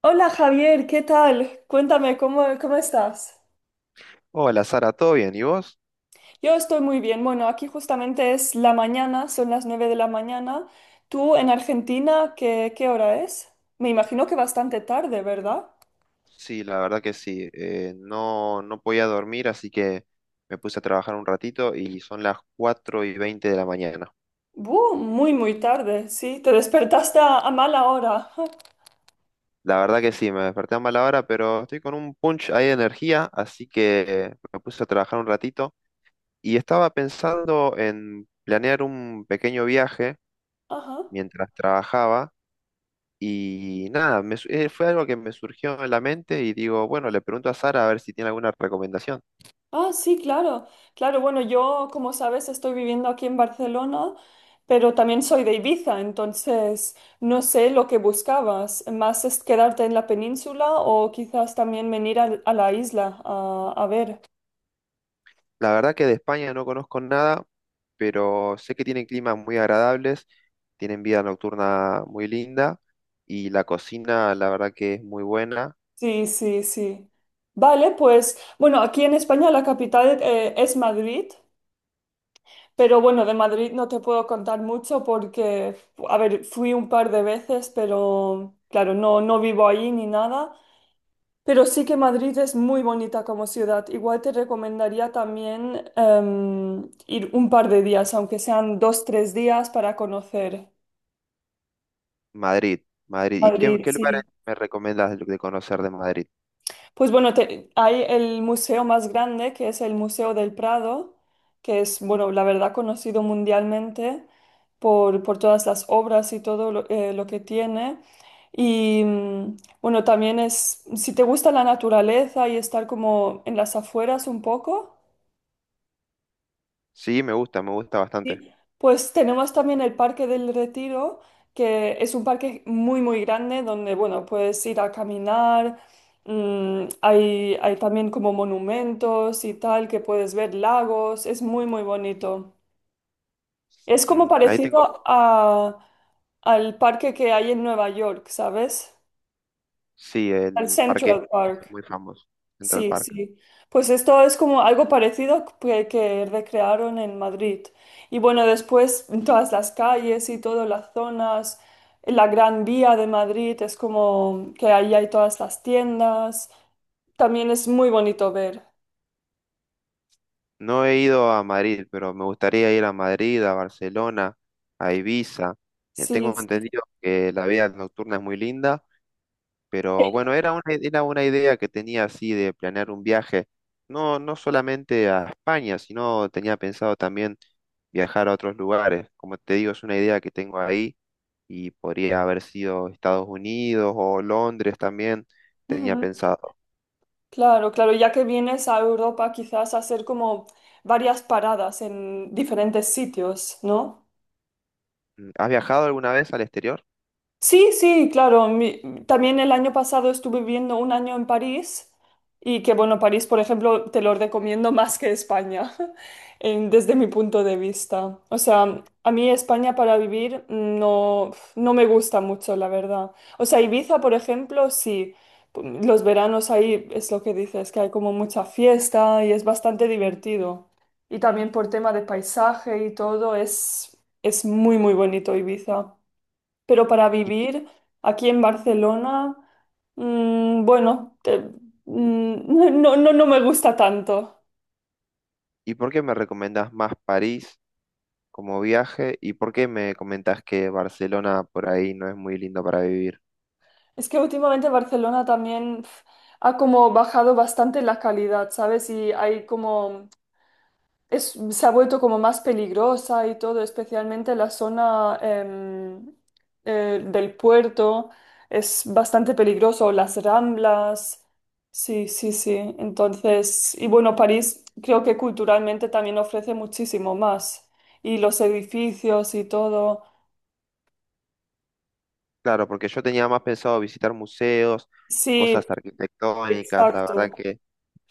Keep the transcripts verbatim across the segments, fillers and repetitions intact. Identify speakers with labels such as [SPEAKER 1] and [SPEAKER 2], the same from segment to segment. [SPEAKER 1] Hola Javier, ¿qué tal? Cuéntame, ¿cómo, cómo estás?
[SPEAKER 2] Hola Sara, ¿todo bien? ¿Y vos?
[SPEAKER 1] Yo estoy muy bien. Bueno, aquí justamente es la mañana, son las nueve de la mañana. ¿Tú en Argentina qué, qué hora es? Me imagino que bastante tarde, ¿verdad?
[SPEAKER 2] Sí, la verdad que sí. Eh, no, no podía dormir, así que me puse a trabajar un ratito y son las cuatro y veinte de la mañana.
[SPEAKER 1] Buh, muy, muy tarde, sí. Te despertaste a, a mala hora.
[SPEAKER 2] La verdad que sí, me desperté a mala hora, pero estoy con un punch ahí de energía, así que me puse a trabajar un ratito y estaba pensando en planear un pequeño viaje
[SPEAKER 1] Ajá.
[SPEAKER 2] mientras trabajaba y nada, me su- eh, fue algo que me surgió en la mente y digo, bueno, le pregunto a Sara a ver si tiene alguna recomendación.
[SPEAKER 1] Ah, sí, claro. Claro, bueno, yo, como sabes, estoy viviendo aquí en Barcelona, pero también soy de Ibiza, entonces no sé lo que buscabas. ¿Más es quedarte en la península o quizás también venir al- a, la isla a, a ver?
[SPEAKER 2] La verdad que de España no conozco nada, pero sé que tienen climas muy agradables, tienen vida nocturna muy linda y la cocina, la verdad que es muy buena.
[SPEAKER 1] Sí, sí, sí. Vale, pues bueno, aquí en España la capital eh, es Madrid, pero bueno, de Madrid no te puedo contar mucho porque, a ver, fui un par de veces, pero claro, no, no vivo ahí ni nada. Pero sí que Madrid es muy bonita como ciudad. Igual te recomendaría también em, ir un par de días, aunque sean dos, tres días, para conocer
[SPEAKER 2] Madrid, Madrid. ¿Y qué,
[SPEAKER 1] Madrid,
[SPEAKER 2] qué lugares
[SPEAKER 1] sí.
[SPEAKER 2] me recomiendas de de conocer de Madrid?
[SPEAKER 1] Pues bueno, te- hay el museo más grande, que es el Museo del Prado, que es, bueno, la verdad conocido mundialmente por, por todas las obras y todo lo, eh, lo que tiene. Y mm, bueno, también es, si te gusta la naturaleza y estar como en las afueras un poco.
[SPEAKER 2] Sí, me gusta, me gusta bastante.
[SPEAKER 1] Sí. Pues tenemos también el Parque del Retiro, que es un parque muy, muy grande donde, bueno, puedes ir a caminar. mm, hay, hay también como monumentos y tal, que puedes ver lagos. Es muy, muy bonito. Es como
[SPEAKER 2] Mm, ahí
[SPEAKER 1] parecido
[SPEAKER 2] tengo,
[SPEAKER 1] a, al parque que hay en Nueva York, ¿sabes?
[SPEAKER 2] sí,
[SPEAKER 1] Al
[SPEAKER 2] el parque
[SPEAKER 1] Central
[SPEAKER 2] este es
[SPEAKER 1] Park.
[SPEAKER 2] muy famoso, Central
[SPEAKER 1] Sí,
[SPEAKER 2] Park.
[SPEAKER 1] sí. Pues esto es como algo parecido que, que recrearon en Madrid. Y bueno, después todas las calles y todas las zonas, la Gran Vía de Madrid es como que ahí hay todas las tiendas. También es muy bonito ver.
[SPEAKER 2] No he ido a Madrid, pero me gustaría ir a Madrid, a Barcelona, a Ibiza. Eh,
[SPEAKER 1] Sí,
[SPEAKER 2] Tengo
[SPEAKER 1] sí.
[SPEAKER 2] entendido que la vida nocturna es muy linda. Pero bueno, era una, era una idea que tenía así de planear un viaje, no, no solamente a España, sino tenía pensado también viajar a otros lugares. Como te digo, es una idea que tengo ahí y podría haber sido Estados Unidos o Londres también, tenía
[SPEAKER 1] Ujú.
[SPEAKER 2] pensado.
[SPEAKER 1] Claro, claro, ya que vienes a Europa quizás a hacer como varias paradas en diferentes sitios, ¿no?
[SPEAKER 2] Mm, ¿has viajado alguna vez al exterior?
[SPEAKER 1] Sí, sí, claro. Mi- también el año pasado estuve viviendo un año en París y que bueno, París, por ejemplo, te lo recomiendo más que España, en- desde mi punto de vista. O sea, a mí España para vivir no, no me gusta mucho, la verdad. O sea, Ibiza, por ejemplo, sí. Los veranos ahí es lo que dices, que hay como mucha fiesta y es bastante divertido. Y también por tema de paisaje y todo, es, es muy, muy bonito Ibiza, pero para
[SPEAKER 2] ¿Y,
[SPEAKER 1] vivir aquí en Barcelona, mm, bueno, te- mm, no, no, no me gusta tanto.
[SPEAKER 2] y por qué me recomendás más París como viaje? ¿Y por qué me comentás que Barcelona por ahí no es muy lindo para vivir?
[SPEAKER 1] Es que últimamente Barcelona también pf, ha como bajado bastante la calidad, ¿sabes? Y hay como es- se ha vuelto como más peligrosa y todo, especialmente la zona em, eh, del puerto es bastante peligroso, las ramblas, sí, sí, sí. Entonces, y bueno, París creo que culturalmente también ofrece muchísimo más y los edificios y todo.
[SPEAKER 2] Claro, porque yo tenía más pensado visitar museos,
[SPEAKER 1] Sí,
[SPEAKER 2] cosas arquitectónicas, la verdad
[SPEAKER 1] exacto.
[SPEAKER 2] que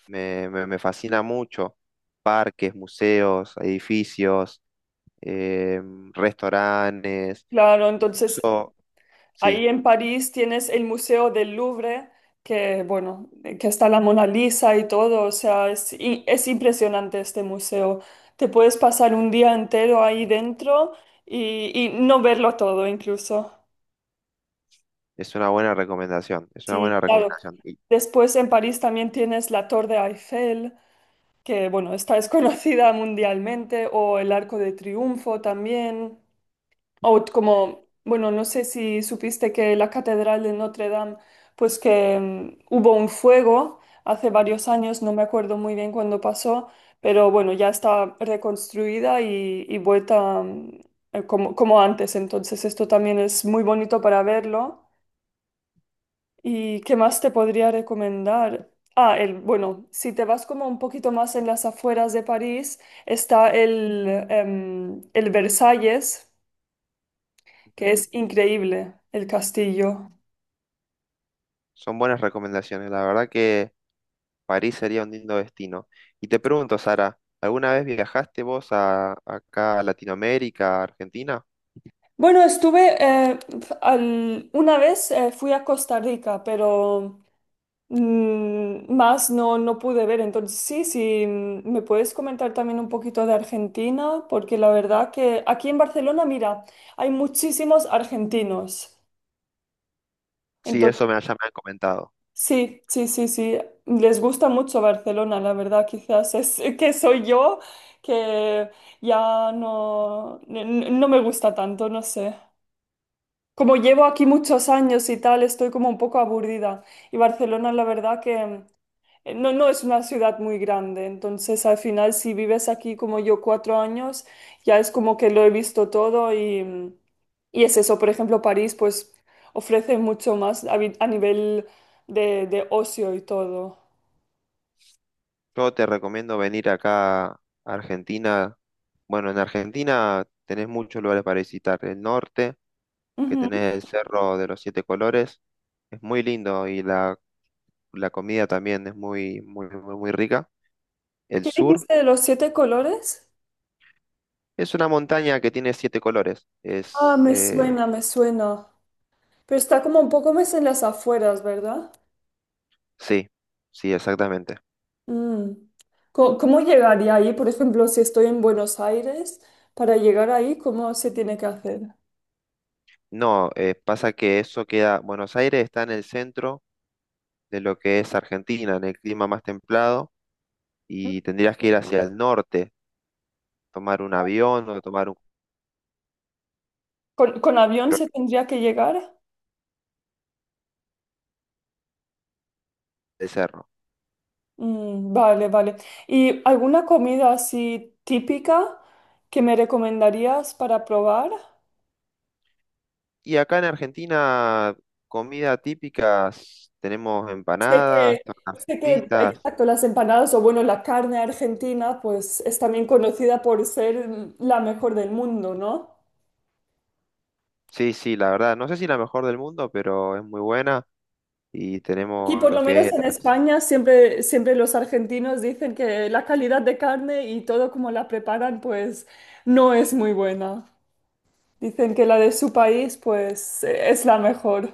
[SPEAKER 2] me, me- me fascina mucho, parques, museos, edificios, eh, restaurantes,
[SPEAKER 1] Claro, entonces
[SPEAKER 2] eso sí,
[SPEAKER 1] ahí en París tienes el Museo del Louvre, que bueno, que está la Mona Lisa y todo, o sea, es, i- es impresionante este museo. Te puedes pasar un día entero ahí dentro y, y no verlo todo incluso.
[SPEAKER 2] es una buena recomendación, es una
[SPEAKER 1] Sí,
[SPEAKER 2] buena
[SPEAKER 1] claro.
[SPEAKER 2] recomendación. Y,
[SPEAKER 1] Después en París también tienes la Torre Eiffel, que bueno, esta es conocida mundialmente, o el Arco de Triunfo también. O como, bueno, no sé si supiste que la Catedral de Notre Dame, pues que mm, hubo un fuego hace varios años, no me acuerdo muy bien cuándo pasó, pero bueno, ya está reconstruida y, y vuelta mm, eh, como, como antes, entonces esto también es muy bonito para verlo. ¿Y qué más te podría recomendar? Ah, el, bueno, si te vas como un poquito más en las afueras de París, está el, em, el Versalles, que
[SPEAKER 2] ujú,
[SPEAKER 1] es increíble el castillo.
[SPEAKER 2] son buenas recomendaciones, la verdad que París sería un lindo destino. Y te pregunto, Sara, ¿alguna vez viajaste vos a, acá a Latinoamérica, a Argentina?
[SPEAKER 1] Bueno, estuve eh, al- una vez eh, fui a Costa Rica, pero mm, más no, no pude ver. Entonces, sí, sí, mm, me puedes comentar también un poquito de Argentina, porque la verdad que aquí en Barcelona, mira, hay muchísimos argentinos.
[SPEAKER 2] Sí,
[SPEAKER 1] Entonces
[SPEAKER 2] eso me, ya me han comentado.
[SPEAKER 1] sí, sí, sí, sí. Les gusta mucho Barcelona, la verdad. Quizás es que soy yo que ya no, n- n- no me gusta tanto, no sé. Como llevo aquí muchos años y tal, estoy como un poco aburrida. Y Barcelona, la verdad que eh, no, no es una ciudad muy grande, entonces al final si vives aquí como yo cuatro años, ya es como que lo he visto todo y, mm, y es eso. Por ejemplo, París pues ofrece mucho más a, vi- a nivel de, de ocio y todo.
[SPEAKER 2] Yo te recomiendo venir acá a Argentina. Bueno, en Argentina tenés muchos lugares para visitar. El norte, que
[SPEAKER 1] Ujú.
[SPEAKER 2] tenés el Cerro de los Siete Colores, es muy lindo y la, la comida también es muy, muy, muy, muy rica. El
[SPEAKER 1] ¿Qué
[SPEAKER 2] sur
[SPEAKER 1] dijiste de los siete colores?
[SPEAKER 2] es una montaña que tiene siete colores.
[SPEAKER 1] Ah,
[SPEAKER 2] Es,
[SPEAKER 1] me
[SPEAKER 2] eh,
[SPEAKER 1] suena, me suena. Pero está como un poco más en las afueras, ¿verdad?
[SPEAKER 2] sí, sí, exactamente.
[SPEAKER 1] Mm. Co- ¿Cómo llegaría ahí? Por ejemplo, si estoy en Buenos Aires, para llegar ahí, ¿cómo se tiene que hacer?
[SPEAKER 2] No, eh, pasa que eso queda, Buenos Aires está en el centro de lo que es Argentina, en el clima más templado, y tendrías que ir hacia el norte, tomar un avión o tomar un
[SPEAKER 1] ¿Con, con avión se
[SPEAKER 2] crucero
[SPEAKER 1] tendría que llegar?
[SPEAKER 2] de cerro.
[SPEAKER 1] Mm, vale, vale. ¿Y alguna comida así típica que me recomendarías para probar?
[SPEAKER 2] Y acá en Argentina, comida típicas, tenemos
[SPEAKER 1] Sé
[SPEAKER 2] empanadas,
[SPEAKER 1] que,
[SPEAKER 2] tortas
[SPEAKER 1] sé que,
[SPEAKER 2] fritas.
[SPEAKER 1] exacto, las empanadas o bueno, la carne argentina, pues es también conocida por ser mm, la mejor del mundo, ¿no?
[SPEAKER 2] Sí, sí, la verdad, no sé si la mejor del mundo, pero es muy buena y
[SPEAKER 1] Aquí,
[SPEAKER 2] tenemos
[SPEAKER 1] por lo
[SPEAKER 2] lo que
[SPEAKER 1] menos
[SPEAKER 2] es
[SPEAKER 1] en
[SPEAKER 2] las...
[SPEAKER 1] España, siempre, siempre los argentinos dicen que la calidad de carne y todo como la preparan, pues no es muy buena. Dicen que la de su país, pues, eh, es la mejor.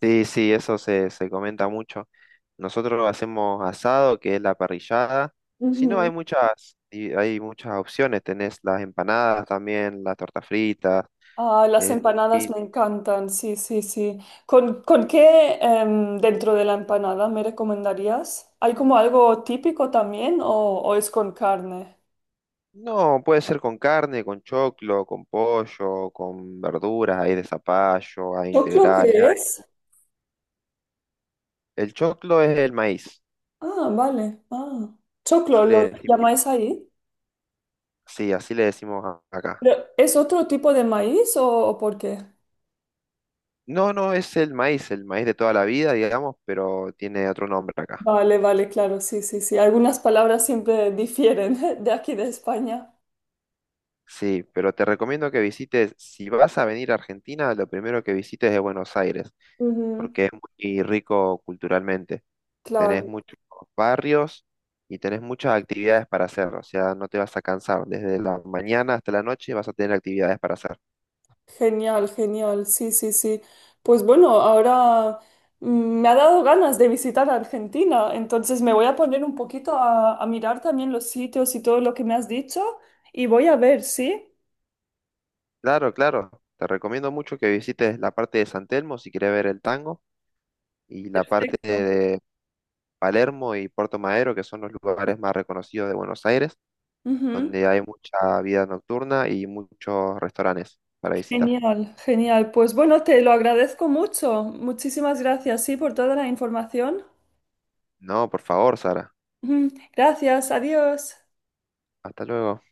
[SPEAKER 2] Sí, sí, eso se, se comenta mucho. Nosotros hacemos asado, que es la parrillada. Si no, hay
[SPEAKER 1] Ujú.
[SPEAKER 2] muchas, y hay muchas opciones. Tenés las empanadas también, las tortas fritas.
[SPEAKER 1] Ah, las
[SPEAKER 2] Eh,
[SPEAKER 1] empanadas
[SPEAKER 2] y
[SPEAKER 1] me encantan, sí, sí, sí. ¿Con, con qué em, dentro de la empanada me recomendarías? ¿Hay como algo típico también o, o es con carne?
[SPEAKER 2] no, puede ser con carne, con choclo, con pollo, con verduras, hay de zapallo, hay
[SPEAKER 1] ¿Choclo
[SPEAKER 2] integrales.
[SPEAKER 1] qué
[SPEAKER 2] Hay-
[SPEAKER 1] es?
[SPEAKER 2] el choclo es el maíz,
[SPEAKER 1] Ah, vale. Ah. ¿Choclo
[SPEAKER 2] así
[SPEAKER 1] lo
[SPEAKER 2] le decimos.
[SPEAKER 1] llamáis ahí?
[SPEAKER 2] Sí, así le decimos a- acá.
[SPEAKER 1] ¿Pero es otro tipo de maíz o, o por qué?
[SPEAKER 2] No, no, es el maíz, el maíz de toda la vida, digamos, pero tiene otro nombre acá.
[SPEAKER 1] Vale, vale, claro, sí, sí, sí. Algunas palabras siempre difieren de aquí de España.
[SPEAKER 2] Sí, pero te recomiendo que visites, si vas a venir a Argentina, lo primero que visites es Buenos Aires,
[SPEAKER 1] Ujú,
[SPEAKER 2] porque es muy rico culturalmente.
[SPEAKER 1] claro.
[SPEAKER 2] Tenés muchos barrios y tenés muchas actividades para hacer, o sea, no te vas a cansar. Desde la mañana hasta la noche vas a tener actividades para hacer.
[SPEAKER 1] Genial, genial, sí, sí, sí. Pues bueno, ahora mm, me ha dado ganas de visitar Argentina, entonces me voy a poner un poquito a, a mirar también los sitios y todo lo que me has dicho y voy a ver, ¿sí?
[SPEAKER 2] Claro, claro, te recomiendo mucho que visites la parte de San Telmo si quieres ver el tango y la parte
[SPEAKER 1] Perfecto.
[SPEAKER 2] de Palermo y Puerto Madero, que son los lugares más reconocidos de Buenos Aires,
[SPEAKER 1] Ujú.
[SPEAKER 2] donde hay mucha vida nocturna y muchos restaurantes para visitar.
[SPEAKER 1] Genial, genial. Pues bueno, te lo agradezco mucho. Muchísimas gracias, sí, por toda la información.
[SPEAKER 2] No, por favor, Sara.
[SPEAKER 1] Ujú. Gracias, adiós.
[SPEAKER 2] Hasta luego.